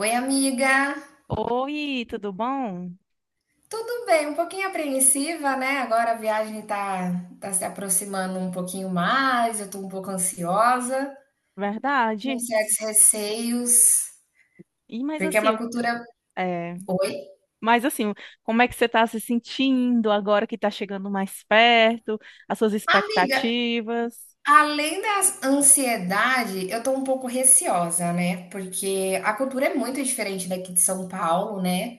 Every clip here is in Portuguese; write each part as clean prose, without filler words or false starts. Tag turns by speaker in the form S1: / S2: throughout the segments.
S1: Oi, amiga.
S2: Oi, tudo bom?
S1: Tudo bem? Um pouquinho apreensiva, né? Agora a viagem tá, tá se aproximando um pouquinho mais, eu tô um pouco ansiosa, com
S2: Verdade.
S1: certos receios,
S2: E mas
S1: porque é uma
S2: assim,
S1: cultura.
S2: é,
S1: Oi?
S2: mas assim, como é que você está se sentindo agora que está chegando mais perto? As suas
S1: Amiga,
S2: expectativas?
S1: além da ansiedade, eu tô um pouco receosa, né? Porque a cultura é muito diferente daqui de São Paulo, né?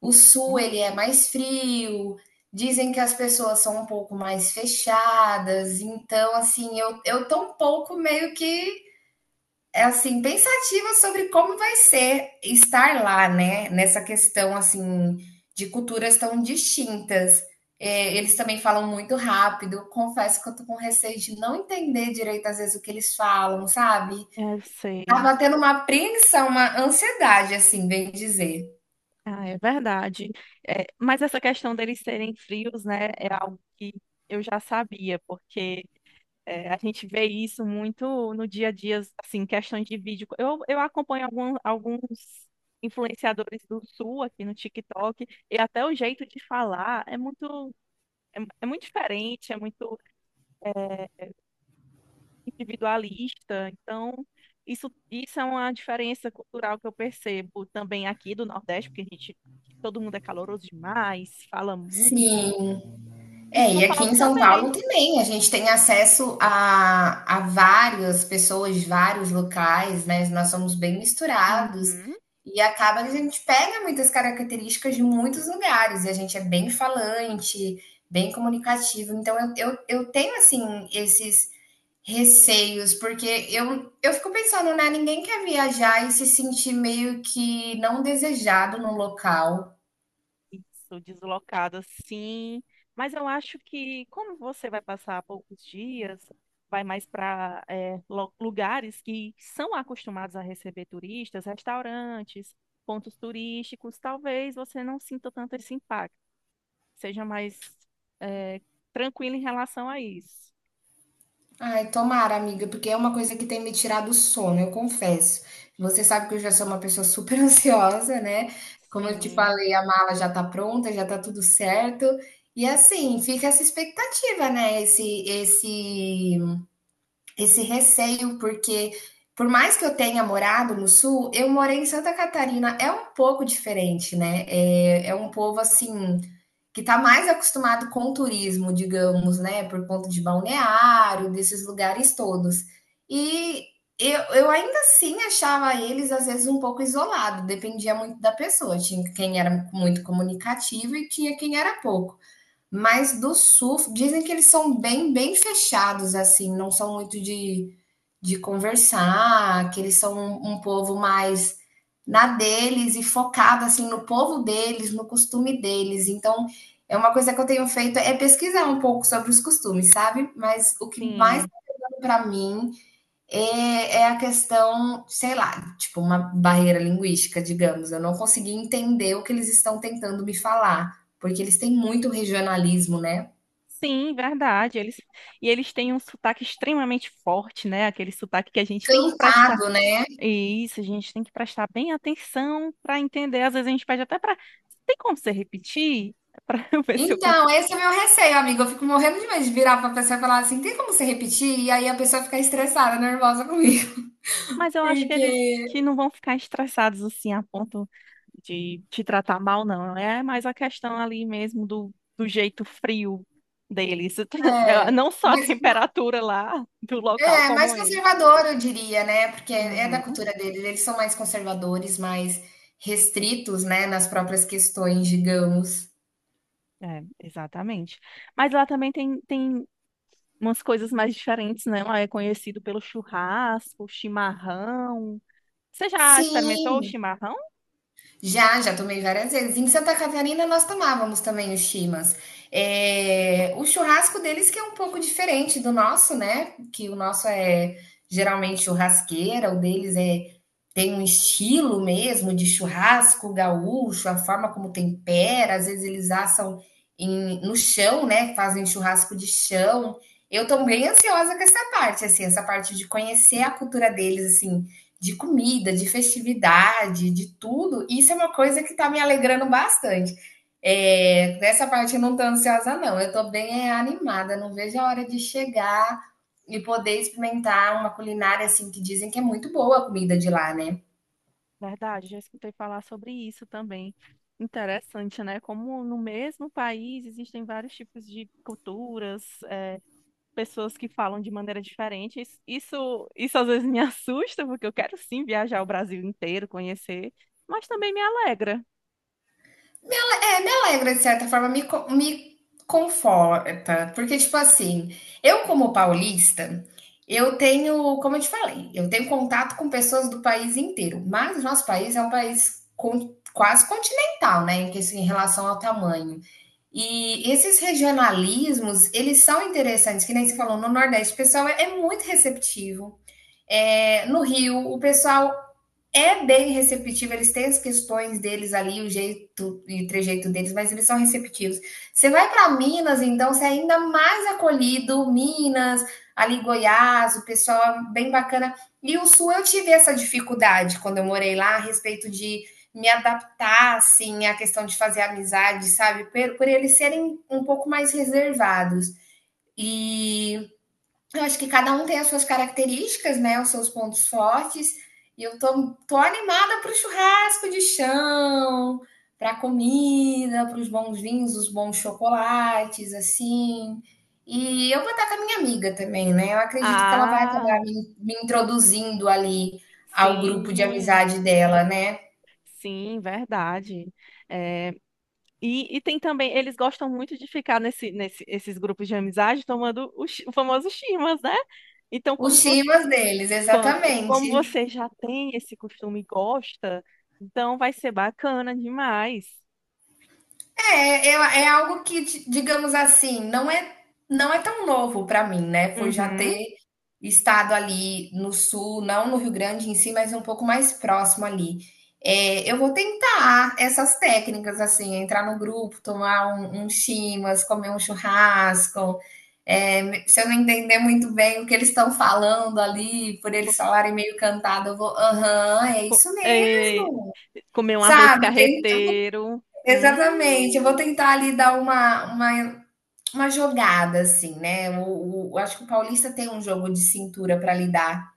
S1: O sul
S2: Hum.
S1: ele é mais frio, dizem que as pessoas são um pouco mais fechadas, então assim, eu tô um pouco meio que é assim, pensativa sobre como vai ser estar lá, né? Nessa questão assim de culturas tão distintas. É, eles também falam muito rápido. Confesso que eu tô com receio de não entender direito às vezes o que eles falam, sabe?
S2: Eu sei.
S1: Tava tendo uma apreensão, uma ansiedade, assim, bem dizer.
S2: Ah, é verdade. É, mas essa questão deles serem frios, né, é algo que eu já sabia, porque É, a gente vê isso muito no dia a dia, assim, questões de vídeo. Eu acompanho alguns influenciadores do Sul aqui no TikTok, e até o jeito de falar é é muito diferente, é muito é, individualista. Então, isso é uma diferença cultural que eu percebo também aqui do Nordeste, porque a gente, todo mundo é caloroso demais, fala muito.
S1: Sim,
S2: E
S1: é,
S2: São
S1: e aqui
S2: Paulo
S1: em São Paulo
S2: também.
S1: também, a gente tem acesso a várias pessoas de vários locais, né? Nós somos bem misturados
S2: Uhum.
S1: e acaba que a gente pega muitas características de muitos lugares e a gente é bem falante, bem comunicativo. Então eu tenho assim esses receios, porque eu fico pensando, né? Ninguém quer viajar e se sentir meio que não desejado num local.
S2: Isso, deslocada, sim. Mas eu acho que, como você vai passar poucos dias, vai mais para lugares que são acostumados a receber turistas, restaurantes, pontos turísticos, talvez você não sinta tanto esse impacto. Seja mais é, tranquilo em relação a isso.
S1: Ai, tomara, amiga, porque é uma coisa que tem me tirado o sono, eu confesso. Você sabe que eu já sou uma pessoa super ansiosa, né? Como eu te
S2: Sim,
S1: falei, a mala já tá pronta, já tá tudo certo. E assim, fica essa expectativa, né? Esse receio, porque por mais que eu tenha morado no sul, eu morei em Santa Catarina, é um pouco diferente, né? É um povo assim que está mais acostumado com o turismo, digamos, né, por conta de balneário, desses lugares todos. E eu ainda assim achava eles, às vezes, um pouco isolado, dependia muito da pessoa. Tinha quem era muito comunicativo e tinha quem era pouco. Mas do surf, dizem que eles são bem, bem fechados, assim, não são muito de conversar, que eles são um povo mais na deles e focado, assim, no povo deles, no costume deles. Então, é uma coisa que eu tenho feito é pesquisar um pouco sobre os costumes, sabe? Mas o que mais
S2: sim.
S1: deu para mim é, é a questão, sei lá, tipo uma barreira linguística, digamos. Eu não consegui entender o que eles estão tentando me falar, porque eles têm muito regionalismo, né?
S2: Sim, verdade. Eles, e eles têm um sotaque extremamente forte, né? Aquele sotaque que a gente tem que prestar.
S1: Cantado, né?
S2: E isso, a gente tem que prestar bem atenção para entender. Às vezes a gente pede até para. Tem como você repetir? Para eu ver se eu consigo.
S1: Então, esse é o meu receio, amigo. Eu fico morrendo de medo de virar pra pessoa e falar assim: tem como você repetir? E aí a pessoa fica estressada, nervosa comigo.
S2: Mas eu acho que eles
S1: Porque,
S2: que não vão ficar estressados assim a ponto de te tratar mal, não. É mais a questão ali mesmo do jeito frio deles. É.
S1: é.
S2: Não só a
S1: Mas
S2: temperatura lá do local,
S1: é, mais
S2: como eles.
S1: conservador, eu diria, né? Porque é da
S2: Uhum,
S1: cultura deles, eles são mais conservadores, mais restritos, né, nas próprias questões, digamos.
S2: é, exatamente. Mas lá também tem umas coisas mais diferentes, né? Lá é conhecido pelo churrasco, chimarrão. Você já experimentou o
S1: Sim,
S2: chimarrão?
S1: já, já tomei várias vezes. Em Santa Catarina nós tomávamos também os chimas. É, o churrasco deles que é um pouco diferente do nosso, né? Que o nosso é geralmente churrasqueira, o deles é tem um estilo mesmo de churrasco gaúcho, a forma como tempera, às vezes eles assam no chão, né? Fazem churrasco de chão. Eu tô bem ansiosa com essa parte, assim, essa parte de conhecer a cultura deles, assim, de comida, de festividade, de tudo. Isso é uma coisa que está me alegrando bastante. É, nessa parte eu não estou ansiosa, não. Eu estou bem é, animada, não vejo a hora de chegar e poder experimentar uma culinária assim que dizem que é muito boa a comida de lá, né?
S2: Verdade, já escutei falar sobre isso também. Interessante, né? Como no mesmo país existem vários tipos de culturas, pessoas que falam de maneira diferente. Isso às vezes me assusta, porque eu quero sim viajar o Brasil inteiro, conhecer, mas também me alegra.
S1: É, me alegra, de certa forma, me conforta. Porque, tipo assim, eu, como paulista, eu tenho, como eu te falei, eu tenho contato com pessoas do país inteiro. Mas o nosso país é um país quase continental, né? Em, que- assim, em relação ao tamanho. E esses regionalismos, eles são interessantes, que nem você falou, no Nordeste, o pessoal é muito receptivo. É, no Rio, o pessoal é bem receptivo, eles têm as questões deles ali, o jeito e o trejeito deles, mas eles são receptivos. Você vai para Minas, então você é ainda mais acolhido, Minas, ali Goiás, o pessoal é bem bacana. E o Sul eu tive essa dificuldade quando eu morei lá, a respeito de me adaptar, assim, à questão de fazer amizade, sabe? Por eles serem um pouco mais reservados. E eu acho que cada um tem as suas características, né? Os seus pontos fortes. E eu tô animada para o churrasco de chão, para a comida, para os bons vinhos, os bons chocolates, assim. E eu vou estar com a minha amiga também, né? Eu acredito que ela vai acabar
S2: Ah,
S1: me introduzindo ali ao grupo de
S2: sim,
S1: amizade dela, né?
S2: sim, verdade. É, E, e tem também, eles gostam muito de ficar esses grupos de amizade tomando o, o famoso chimas, né? Então,
S1: Os chimas deles, exatamente.
S2: como você já tem esse costume e gosta, então vai ser bacana demais.
S1: É, é algo que, digamos assim, não é, não é tão novo para mim, né? Foi já
S2: Uhum.
S1: ter estado ali no sul, não no Rio Grande em si, mas um pouco mais próximo ali. É, eu vou tentar essas técnicas, assim, entrar no grupo, tomar um chimas, comer um churrasco. É, se eu não entender muito bem o que eles estão falando ali, por eles falarem meio cantado, eu vou, aham, é
S2: Co-
S1: isso
S2: é,
S1: mesmo.
S2: Comer um arroz
S1: Sabe?
S2: carreteiro.
S1: Exatamente, eu vou tentar ali dar uma jogada, assim, né, o acho que o paulista tem um jogo de cintura para lidar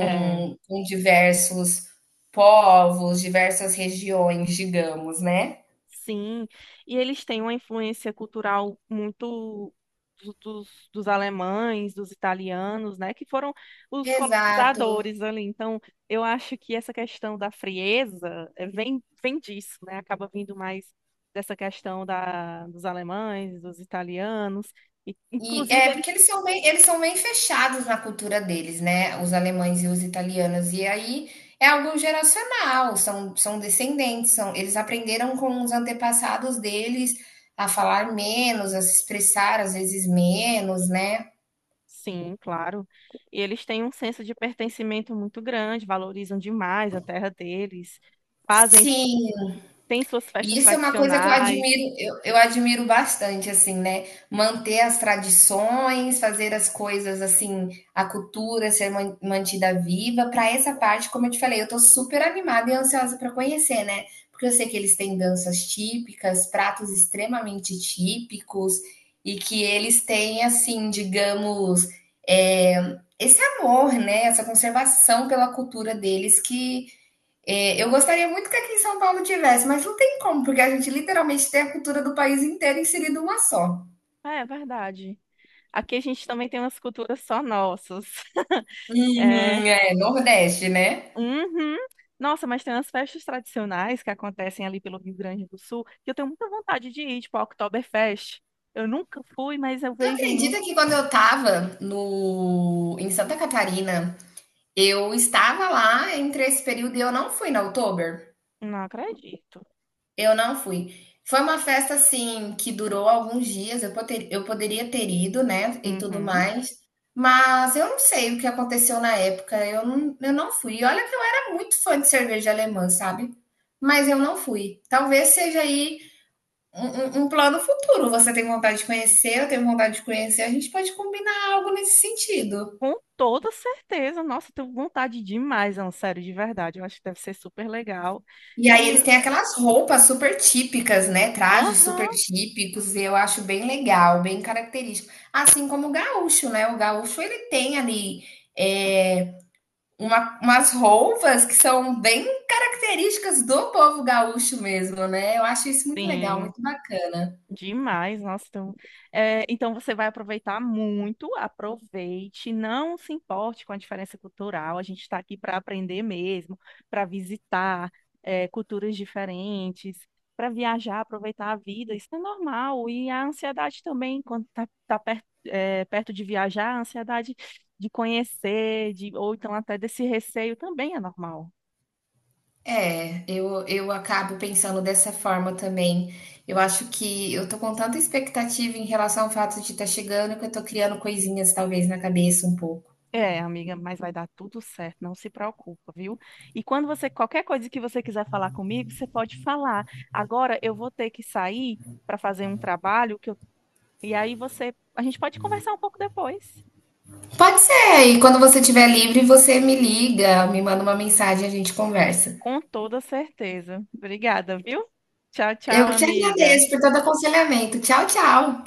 S2: É.
S1: com diversos povos, diversas regiões, digamos, né.
S2: Sim, e eles têm uma influência cultural muito dos, dos alemães, dos italianos, né, que foram os
S1: Exato.
S2: colonizadores ali. Então, eu acho que essa questão da frieza vem disso, né, acaba vindo mais dessa questão da, dos alemães, dos italianos, e,
S1: E
S2: inclusive
S1: é porque
S2: eles,
S1: eles são bem fechados na cultura deles, né? Os alemães e os italianos. E aí é algo geracional, são, são descendentes, são, eles aprenderam com os antepassados deles a falar menos, a se expressar às vezes menos, né?
S2: sim, claro, e eles têm um senso de pertencimento muito grande, valorizam demais a terra deles, fazem,
S1: Sim,
S2: têm suas
S1: e
S2: festas
S1: isso é uma coisa que eu
S2: tradicionais.
S1: admiro, eu admiro bastante, assim, né? Manter as tradições, fazer as coisas assim, a cultura ser mantida viva. Para essa parte, como eu te falei, eu tô super animada e ansiosa para conhecer, né? Porque eu sei que eles têm danças típicas, pratos extremamente típicos, e que eles têm, assim, digamos, é, esse amor, né? Essa conservação pela cultura deles que é, eu gostaria muito que aqui em São Paulo tivesse, mas não tem como, porque a gente literalmente tem a cultura do país inteiro inserida uma só.
S2: É, é verdade. Aqui a gente também tem umas culturas só nossas. É,
S1: Uhum, é, Nordeste, né?
S2: uhum. Nossa, mas tem umas festas tradicionais que acontecem ali pelo Rio Grande do Sul que eu tenho muita vontade de ir, tipo a Oktoberfest. Eu nunca fui, mas eu
S1: Tu
S2: vejo muito.
S1: acredita que quando eu tava no, em Santa Catarina, eu estava lá entre esse período e eu não fui na Oktober?
S2: Não acredito.
S1: Eu não fui. Foi uma festa assim que durou alguns dias. Eu, eu poderia ter ido, né? E tudo
S2: Uhum.
S1: mais. Mas eu não sei o que aconteceu na época. Eu não fui. E olha que eu era muito fã de cerveja alemã, sabe? Mas eu não fui. Talvez seja aí um, um plano futuro. Você tem vontade de conhecer, eu tenho vontade de conhecer. A gente pode combinar algo nesse sentido.
S2: Com toda certeza. Nossa, eu tenho vontade demais, não, sério, de verdade. Eu acho que deve ser super legal.
S1: E aí
S2: E,
S1: eles têm aquelas roupas super típicas, né? Trajes super
S2: aham,
S1: típicos, e eu acho bem legal, bem característico. Assim como o gaúcho, né? O gaúcho ele tem ali é, umas roupas que são bem características do povo gaúcho mesmo, né? Eu acho isso muito legal,
S2: sim.
S1: muito bacana.
S2: Demais, nossa. Então, então você vai aproveitar muito, aproveite, não se importe com a diferença cultural. A gente está aqui para aprender mesmo, para visitar, culturas diferentes, para viajar, aproveitar a vida. Isso é normal. E a ansiedade também, quando tá perto, perto de viajar, a ansiedade de conhecer, de, ou então até desse receio também é normal.
S1: É, eu acabo pensando dessa forma também. Eu acho que eu tô com tanta expectativa em relação ao fato de estar chegando que eu tô criando coisinhas talvez na cabeça um pouco.
S2: É, amiga, mas vai dar tudo certo, não se preocupa, viu? E quando você, qualquer coisa que você quiser falar comigo, você pode falar. Agora eu vou ter que sair para fazer um trabalho que eu, e aí você, a gente pode conversar um pouco depois,
S1: Pode ser, e quando você estiver livre, você me liga, me manda uma mensagem e a gente conversa.
S2: com toda certeza. Obrigada, viu? Tchau,
S1: Eu
S2: tchau,
S1: que te
S2: amiga.
S1: agradeço por todo aconselhamento. Tchau, tchau.